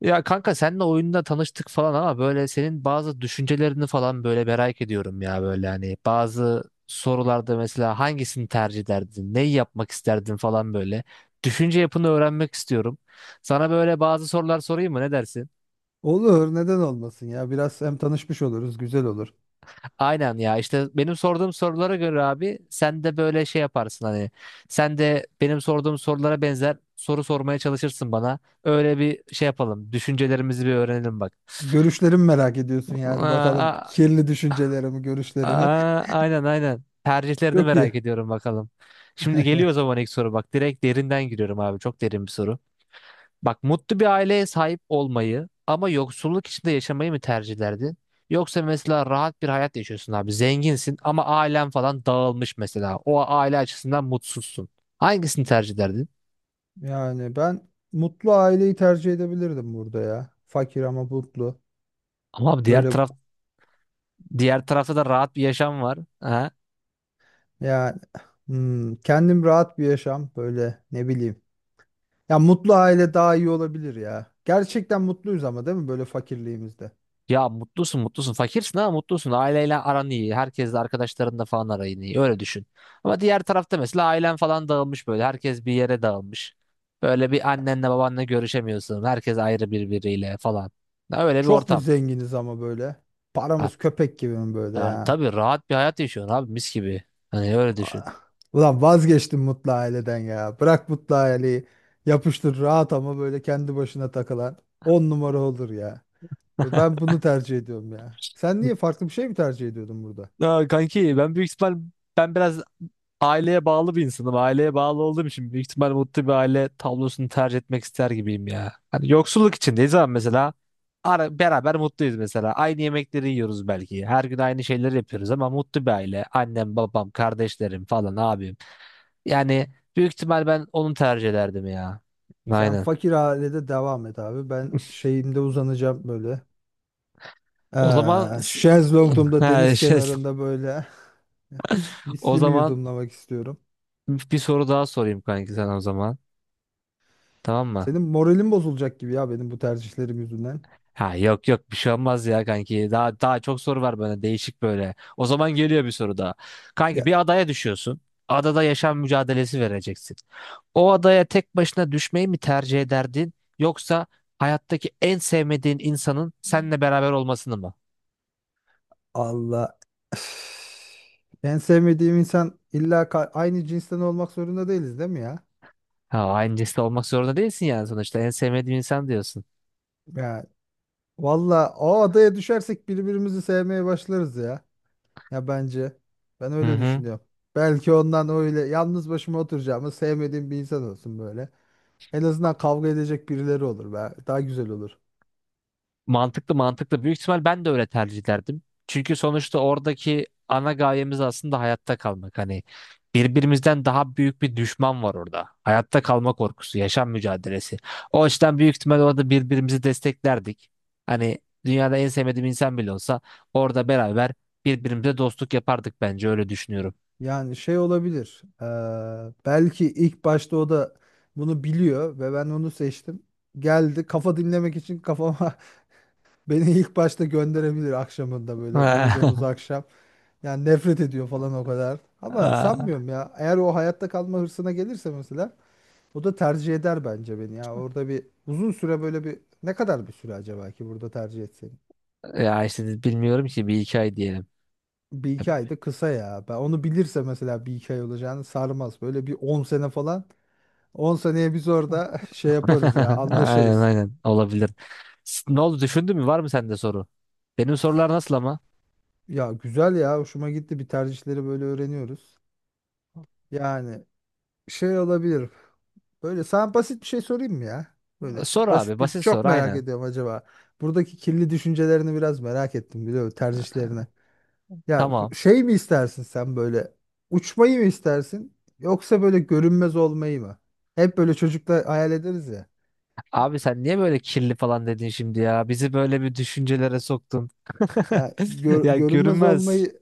Ya kanka seninle oyunda tanıştık falan ama böyle senin bazı düşüncelerini falan böyle merak ediyorum ya böyle hani bazı sorularda mesela hangisini tercih ederdin, neyi yapmak isterdin falan böyle. Düşünce yapını öğrenmek istiyorum. Sana böyle bazı sorular sorayım mı ne dersin? Olur, neden olmasın ya? Biraz hem tanışmış oluruz, güzel olur. Aynen ya işte benim sorduğum sorulara göre abi sen de böyle şey yaparsın hani sen de benim sorduğum sorulara benzer soru sormaya çalışırsın bana. Öyle bir şey yapalım. Düşüncelerimizi bir öğrenelim bak. Görüşlerimi merak ediyorsun yani bakalım Aa, kirli düşüncelerimi, görüşlerimi. Aa, aynen aynen. Tercihlerini Çok iyi. merak ediyorum bakalım. Şimdi geliyor o zaman ilk soru bak. Direkt derinden giriyorum abi. Çok derin bir soru. Bak mutlu bir aileye sahip olmayı ama yoksulluk içinde yaşamayı mı tercihlerdin? Yoksa mesela rahat bir hayat yaşıyorsun abi. Zenginsin ama ailen falan dağılmış mesela. O aile açısından mutsuzsun. Hangisini tercih ederdin? Yani ben mutlu aileyi tercih edebilirdim burada ya. Fakir ama mutlu. Ama abi diğer Böyle taraf diğer tarafta da rahat bir yaşam var. Ha? yani kendim rahat bir yaşam böyle ne bileyim. Ya mutlu aile daha iyi olabilir ya. Gerçekten mutluyuz ama değil mi böyle fakirliğimizde? Ya mutlusun mutlusun. Fakirsin ama mutlusun. Aileyle aran iyi. Herkesle arkadaşlarınla falan arayın iyi. Öyle düşün. Ama diğer tarafta mesela ailen falan dağılmış böyle. Herkes bir yere dağılmış. Böyle bir annenle babanla görüşemiyorsun. Herkes ayrı birbiriyle falan. Ya öyle bir Çok mu ortam. zenginiz ama böyle? Paramız At. köpek gibi mi böyle Ya, ya? tabii rahat bir hayat yaşıyorsun abi mis gibi. Hani öyle düşün. Ulan vazgeçtim mutlu aileden ya. Bırak mutlu aileyi. Yapıştır rahat ama böyle kendi başına takılan. On numara olur ya. Ben bunu tercih ediyorum ya. Sen niye farklı bir şey mi tercih ediyordun burada? Aa, kanki ben büyük ihtimal ben biraz aileye bağlı bir insanım. Aileye bağlı olduğum için büyük ihtimal mutlu bir aile tablosunu tercih etmek ister gibiyim ya. Hani yoksulluk içindeyiz ama mesela ara, beraber mutluyuz mesela. Aynı yemekleri yiyoruz belki. Her gün aynı şeyleri yapıyoruz ama mutlu bir aile. Annem, babam, kardeşlerim falan abim. Yani büyük ihtimal ben onu tercih ederdim ya. Sen Aynen. fakir ailede devam et abi. Ben şeyimde uzanacağım böyle. O zaman Ee, s- şezlongumda Ha, deniz şey, kenarında böyle O viskimi zaman yudumlamak istiyorum. bir soru daha sorayım kanki sana o zaman. Tamam mı? Senin moralin bozulacak gibi ya benim bu tercihlerim yüzünden. Ha yok yok bir şey olmaz ya kanki. Daha daha çok soru var böyle değişik böyle. O zaman geliyor bir soru daha. Kanki bir adaya düşüyorsun. Adada yaşam mücadelesi vereceksin. O adaya tek başına düşmeyi mi tercih ederdin yoksa hayattaki en sevmediğin insanın seninle beraber olmasını mı? Allah. Üf. En sevmediğim insan illa aynı cinsten olmak zorunda değiliz değil mi ya? Ha aynı cinsle olmak zorunda değilsin yani sonuçta en sevmediğin insan diyorsun. Ya valla o adaya düşersek birbirimizi sevmeye başlarız ya. Ya bence. Ben Hı öyle hı. düşünüyorum. Belki ondan öyle yalnız başıma oturacağımı sevmediğim bir insan olsun böyle. En azından kavga edecek birileri olur be. Daha güzel olur. Mantıklı mantıklı. Büyük ihtimal ben de öyle tercih ederdim. Çünkü sonuçta oradaki ana gayemiz aslında hayatta kalmak. Hani birbirimizden daha büyük bir düşman var orada. Hayatta kalma korkusu, yaşam mücadelesi. O açıdan büyük ihtimal orada birbirimizi desteklerdik. Hani dünyada en sevmediğim insan bile olsa orada beraber birbirimize dostluk yapardık bence öyle düşünüyorum. Yani şey olabilir. Belki ilk başta o da bunu biliyor ve ben onu seçtim. Geldi kafa dinlemek için kafama. Beni ilk başta gönderebilir akşamında böyle uyuduğumuz akşam. Yani nefret ediyor falan o kadar. Ama sanmıyorum ya. Eğer o hayatta kalma hırsına gelirse mesela o da tercih eder bence beni ya. Orada bir uzun süre böyle bir ne kadar bir süre acaba ki burada tercih etsen? Ya işte bilmiyorum ki bir hikaye diyelim. Bir iki ay da kısa ya. Ben onu bilirse mesela bir iki ay olacağını sarmaz. Böyle bir 10 sene falan. 10 seneye biz orada şey yaparız ya Aynen anlaşırız. aynen olabilir. Ne oldu düşündün mü? Var mı sende soru? Benim sorular nasıl ama? Ya güzel ya hoşuma gitti bir tercihleri böyle öğreniyoruz. Yani şey olabilir. Böyle sana basit bir şey sorayım mı ya? Böyle Sor abi basit bir basit sor çok merak aynen. ediyorum acaba. Buradaki kirli düşüncelerini biraz merak ettim biliyor musun? Tercihlerini. Ya Tamam. şey mi istersin sen böyle uçmayı mı istersin yoksa böyle görünmez olmayı mı? Hep böyle çocuklar hayal ederiz ya. Abi sen niye böyle kirli falan dedin şimdi ya? Bizi böyle bir düşüncelere soktun. Ya Ya görünmez görünmez. olmayı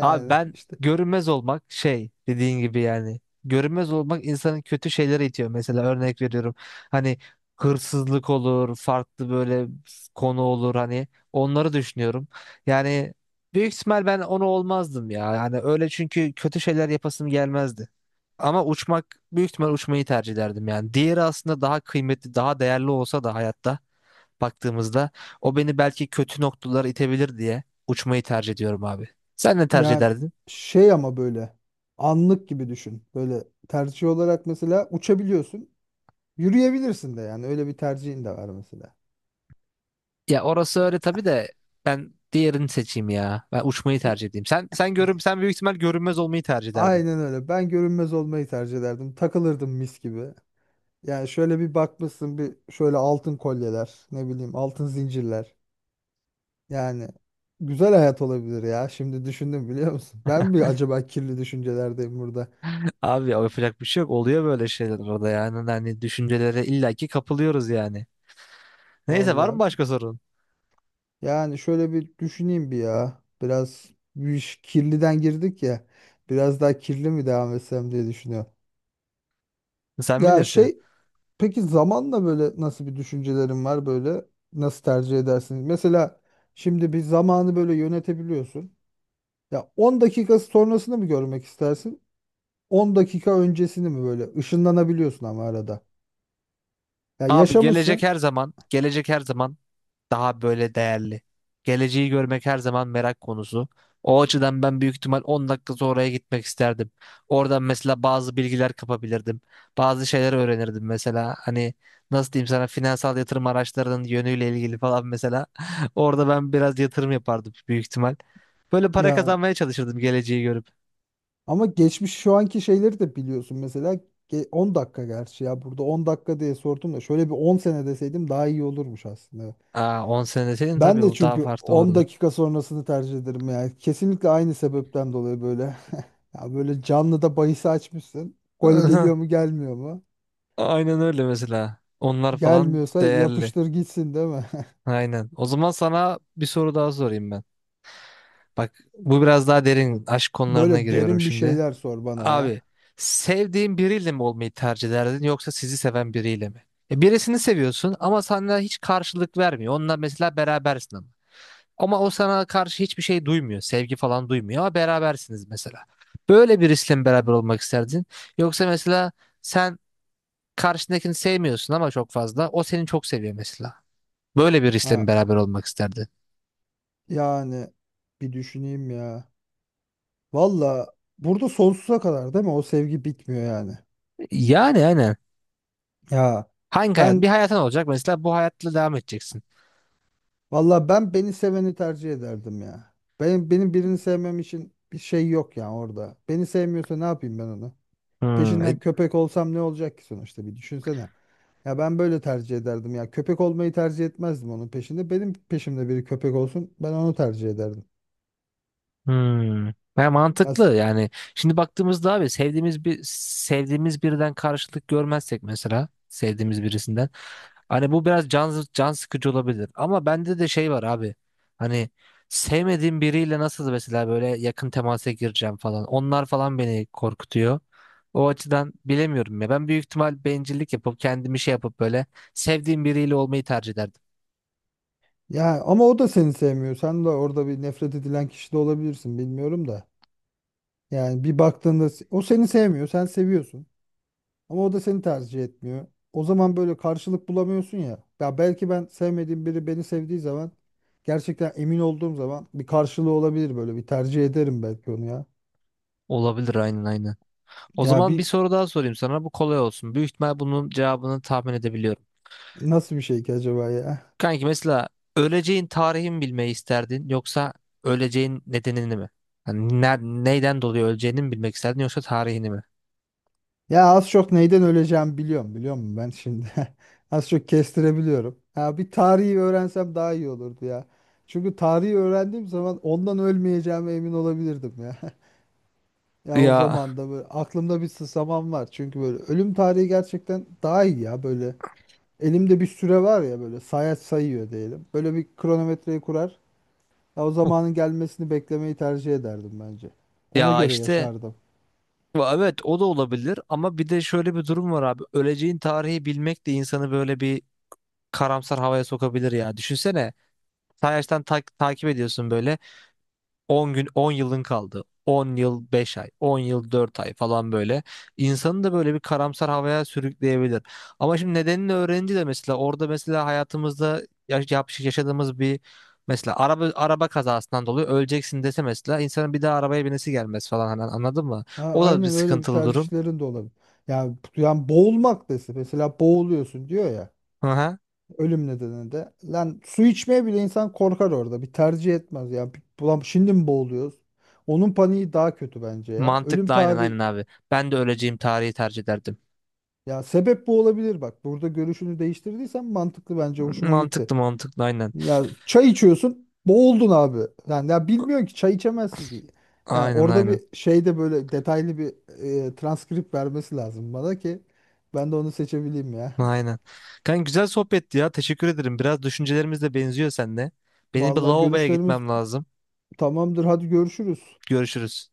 Abi ben işte görünmez olmak şey dediğin gibi yani. Görünmez olmak insanın kötü şeylere itiyor. Mesela örnek veriyorum. Hani hırsızlık olur, farklı böyle konu olur hani onları düşünüyorum. Yani büyük ihtimal ben onu olmazdım ya. Yani öyle çünkü kötü şeyler yapasım gelmezdi. Ama uçmak büyük ihtimal uçmayı tercih ederdim yani. Diğeri aslında daha kıymetli, daha değerli olsa da hayatta baktığımızda o beni belki kötü noktalara itebilir diye uçmayı tercih ediyorum abi. Sen ne tercih yani ederdin? şey ama böyle anlık gibi düşün. Böyle tercih olarak mesela uçabiliyorsun. Yürüyebilirsin de yani öyle bir tercihin de var mesela. Ya orası öyle tabii de ben diğerini seçeyim ya. Ben uçmayı tercih edeyim. Sen büyük ihtimal görünmez olmayı tercih ederdin. Aynen öyle. Ben görünmez olmayı tercih ederdim. Takılırdım mis gibi. Yani şöyle bir bakmışsın bir şöyle altın kolyeler, ne bileyim altın zincirler. Yani güzel hayat olabilir ya. Şimdi düşündüm biliyor musun? Ben mi acaba kirli düşüncelerdeyim burada? Abi yapacak bir şey yok. Oluyor böyle şeyler orada yani. Hani düşüncelere illaki kapılıyoruz yani. Neyse var mı Vallahi. başka sorun? Yani şöyle bir düşüneyim bir ya. Biraz bir iş kirliden girdik ya. Biraz daha kirli mi devam etsem diye düşünüyorum. Sen Ya bilirsin. şey. Peki zamanla böyle nasıl bir düşüncelerin var böyle nasıl tercih edersin? Mesela şimdi bir zamanı böyle yönetebiliyorsun. Ya 10 dakika sonrasını mı görmek istersin? 10 dakika öncesini mi böyle ışınlanabiliyorsun ama arada. Ya Abi gelecek yaşamışsın. her zaman, gelecek her zaman daha böyle değerli. Geleceği görmek her zaman merak konusu. O açıdan ben büyük ihtimal 10 dakika sonraya gitmek isterdim. Oradan mesela bazı bilgiler kapabilirdim. Bazı şeyler öğrenirdim mesela. Hani nasıl diyeyim sana finansal yatırım araçlarının yönüyle ilgili falan mesela. Orada ben biraz yatırım yapardım büyük ihtimal. Böyle para Yani kazanmaya çalışırdım geleceği görüp. ama geçmiş şu anki şeyleri de biliyorsun mesela 10 dakika gerçi ya burada 10 dakika diye sordum da şöyle bir 10 sene deseydim daha iyi olurmuş aslında. Aa, 10 sene deseydin Ben tabii de o daha çünkü farklı 10 olurdu. dakika sonrasını tercih ederim yani. Kesinlikle aynı sebepten dolayı böyle. Ya böyle canlı da bahis açmışsın. Gol geliyor mu gelmiyor mu? Aynen öyle mesela. Onlar falan Gelmiyorsa değerli. yapıştır gitsin değil mi? Aynen. O zaman sana bir soru daha sorayım ben. Bak bu biraz daha derin aşk konularına Böyle giriyorum derin bir şimdi. şeyler sor bana ya. Abi sevdiğin biriyle mi olmayı tercih ederdin yoksa sizi seven biriyle mi? E, birisini seviyorsun ama sana hiç karşılık vermiyor. Onunla mesela berabersin ama. Ama o sana karşı hiçbir şey duymuyor. Sevgi falan duymuyor ama berabersiniz mesela. Böyle birisiyle mi beraber olmak isterdin? Yoksa mesela sen karşındakini sevmiyorsun ama çok fazla. O seni çok seviyor mesela. Böyle birisiyle mi Ha, beraber olmak isterdin? yani bir düşüneyim ya. Valla burada sonsuza kadar değil mi? O sevgi bitmiyor yani. Yani aynen. Ya Hangi hayat? Bir ben hayatın olacak mesela bu hayatla devam edeceksin. Valla ben beni seveni tercih ederdim ya. Benim birini sevmem için bir şey yok ya orada. Beni sevmiyorsa ne yapayım ben onu? Hmm. Peşinden köpek olsam ne olacak ki sonuçta bir düşünsene. Ya ben böyle tercih ederdim ya. Köpek olmayı tercih etmezdim onun peşinde. Benim peşimde biri köpek olsun ben onu tercih ederdim. hmm. Ya Ya, mantıklı yani. Şimdi baktığımızda abi sevdiğimiz birden karşılık görmezsek mesela sevdiğimiz birisinden hani bu biraz can sıkıcı olabilir. Ama bende de şey var abi. Hani sevmediğim biriyle nasıl mesela böyle yakın temasa gireceğim falan. Onlar falan beni korkutuyor. O açıdan bilemiyorum ya. Ben büyük ihtimal bencillik yapıp kendimi şey yapıp böyle sevdiğim biriyle olmayı tercih ederdim. ya ama o da seni sevmiyor. Sen de orada bir nefret edilen kişi de olabilirsin bilmiyorum da. Yani bir baktığında o seni sevmiyor, sen seviyorsun. Ama o da seni tercih etmiyor. O zaman böyle karşılık bulamıyorsun ya. Ya belki ben sevmediğim biri beni sevdiği zaman gerçekten emin olduğum zaman bir karşılığı olabilir böyle bir tercih ederim belki onu ya. Olabilir aynen aynen. O Ya zaman bir bir soru daha sorayım sana. Bu kolay olsun. Büyük ihtimal bunun cevabını tahmin edebiliyorum. nasıl bir şey ki acaba ya? Kanki mesela öleceğin tarihi mi bilmeyi isterdin yoksa öleceğin nedenini mi? Hani neyden dolayı öleceğini mi bilmek isterdin yoksa tarihini mi? Ya az çok neyden öleceğimi biliyorum biliyor musun ben şimdi? Az çok kestirebiliyorum. Ya bir tarihi öğrensem daha iyi olurdu ya. Çünkü tarihi öğrendiğim zaman ondan ölmeyeceğime emin olabilirdim ya. Ya o Ya zaman da böyle aklımda bir sısamam var. Çünkü böyle ölüm tarihi gerçekten daha iyi ya böyle. Elimde bir süre var ya böyle sayaç sayıyor diyelim. Böyle bir kronometreyi kurar. Ya o zamanın gelmesini beklemeyi tercih ederdim bence. Ona ya göre işte yaşardım. Evet o da olabilir ama bir de şöyle bir durum var abi. Öleceğin tarihi bilmek de insanı böyle bir karamsar havaya sokabilir ya. Düşünsene. Sayaçtan takip ediyorsun böyle. 10 gün 10 yılın kaldı. 10 yıl 5 ay, 10 yıl 4 ay falan böyle. İnsanı da böyle bir karamsar havaya sürükleyebilir. Ama şimdi nedenini öğrenince de mesela orada mesela hayatımızda yaşadığımız bir mesela araba kazasından dolayı öleceksin dese mesela insanın bir daha arabaya binesi gelmez falan hani anladın mı? Ha, O da bir aynen öyle bir sıkıntılı durum. tercihlerin de olabilir. Yani, boğulmak desin. Mesela boğuluyorsun diyor ya. Hı hı. Ölüm nedeninde. Lan su içmeye bile insan korkar orada. Bir tercih etmez. Ya ulan şimdi mi boğuluyoruz? Onun paniği daha kötü bence ya. Ölüm Mantıklı aynen tarihi. aynen abi. Ben de öleceğim tarihi tercih ederdim. Ya sebep bu olabilir bak. Burada görüşünü değiştirdiysen mantıklı bence hoşuma gitti. Mantıklı mantıklı aynen. Ya çay içiyorsun, boğuldun abi. Yani ya bilmiyorsun ki çay içemezsin ki. Yani Aynen orada bir aynen. şeyde böyle detaylı bir transkript vermesi lazım bana ki ben de onu seçebileyim ya. Aynen. Kanka güzel sohbetti ya. Teşekkür ederim. Biraz düşüncelerimiz de benziyor seninle. Benim bir Vallahi lavaboya görüşlerimiz gitmem lazım. tamamdır. Hadi görüşürüz. Görüşürüz.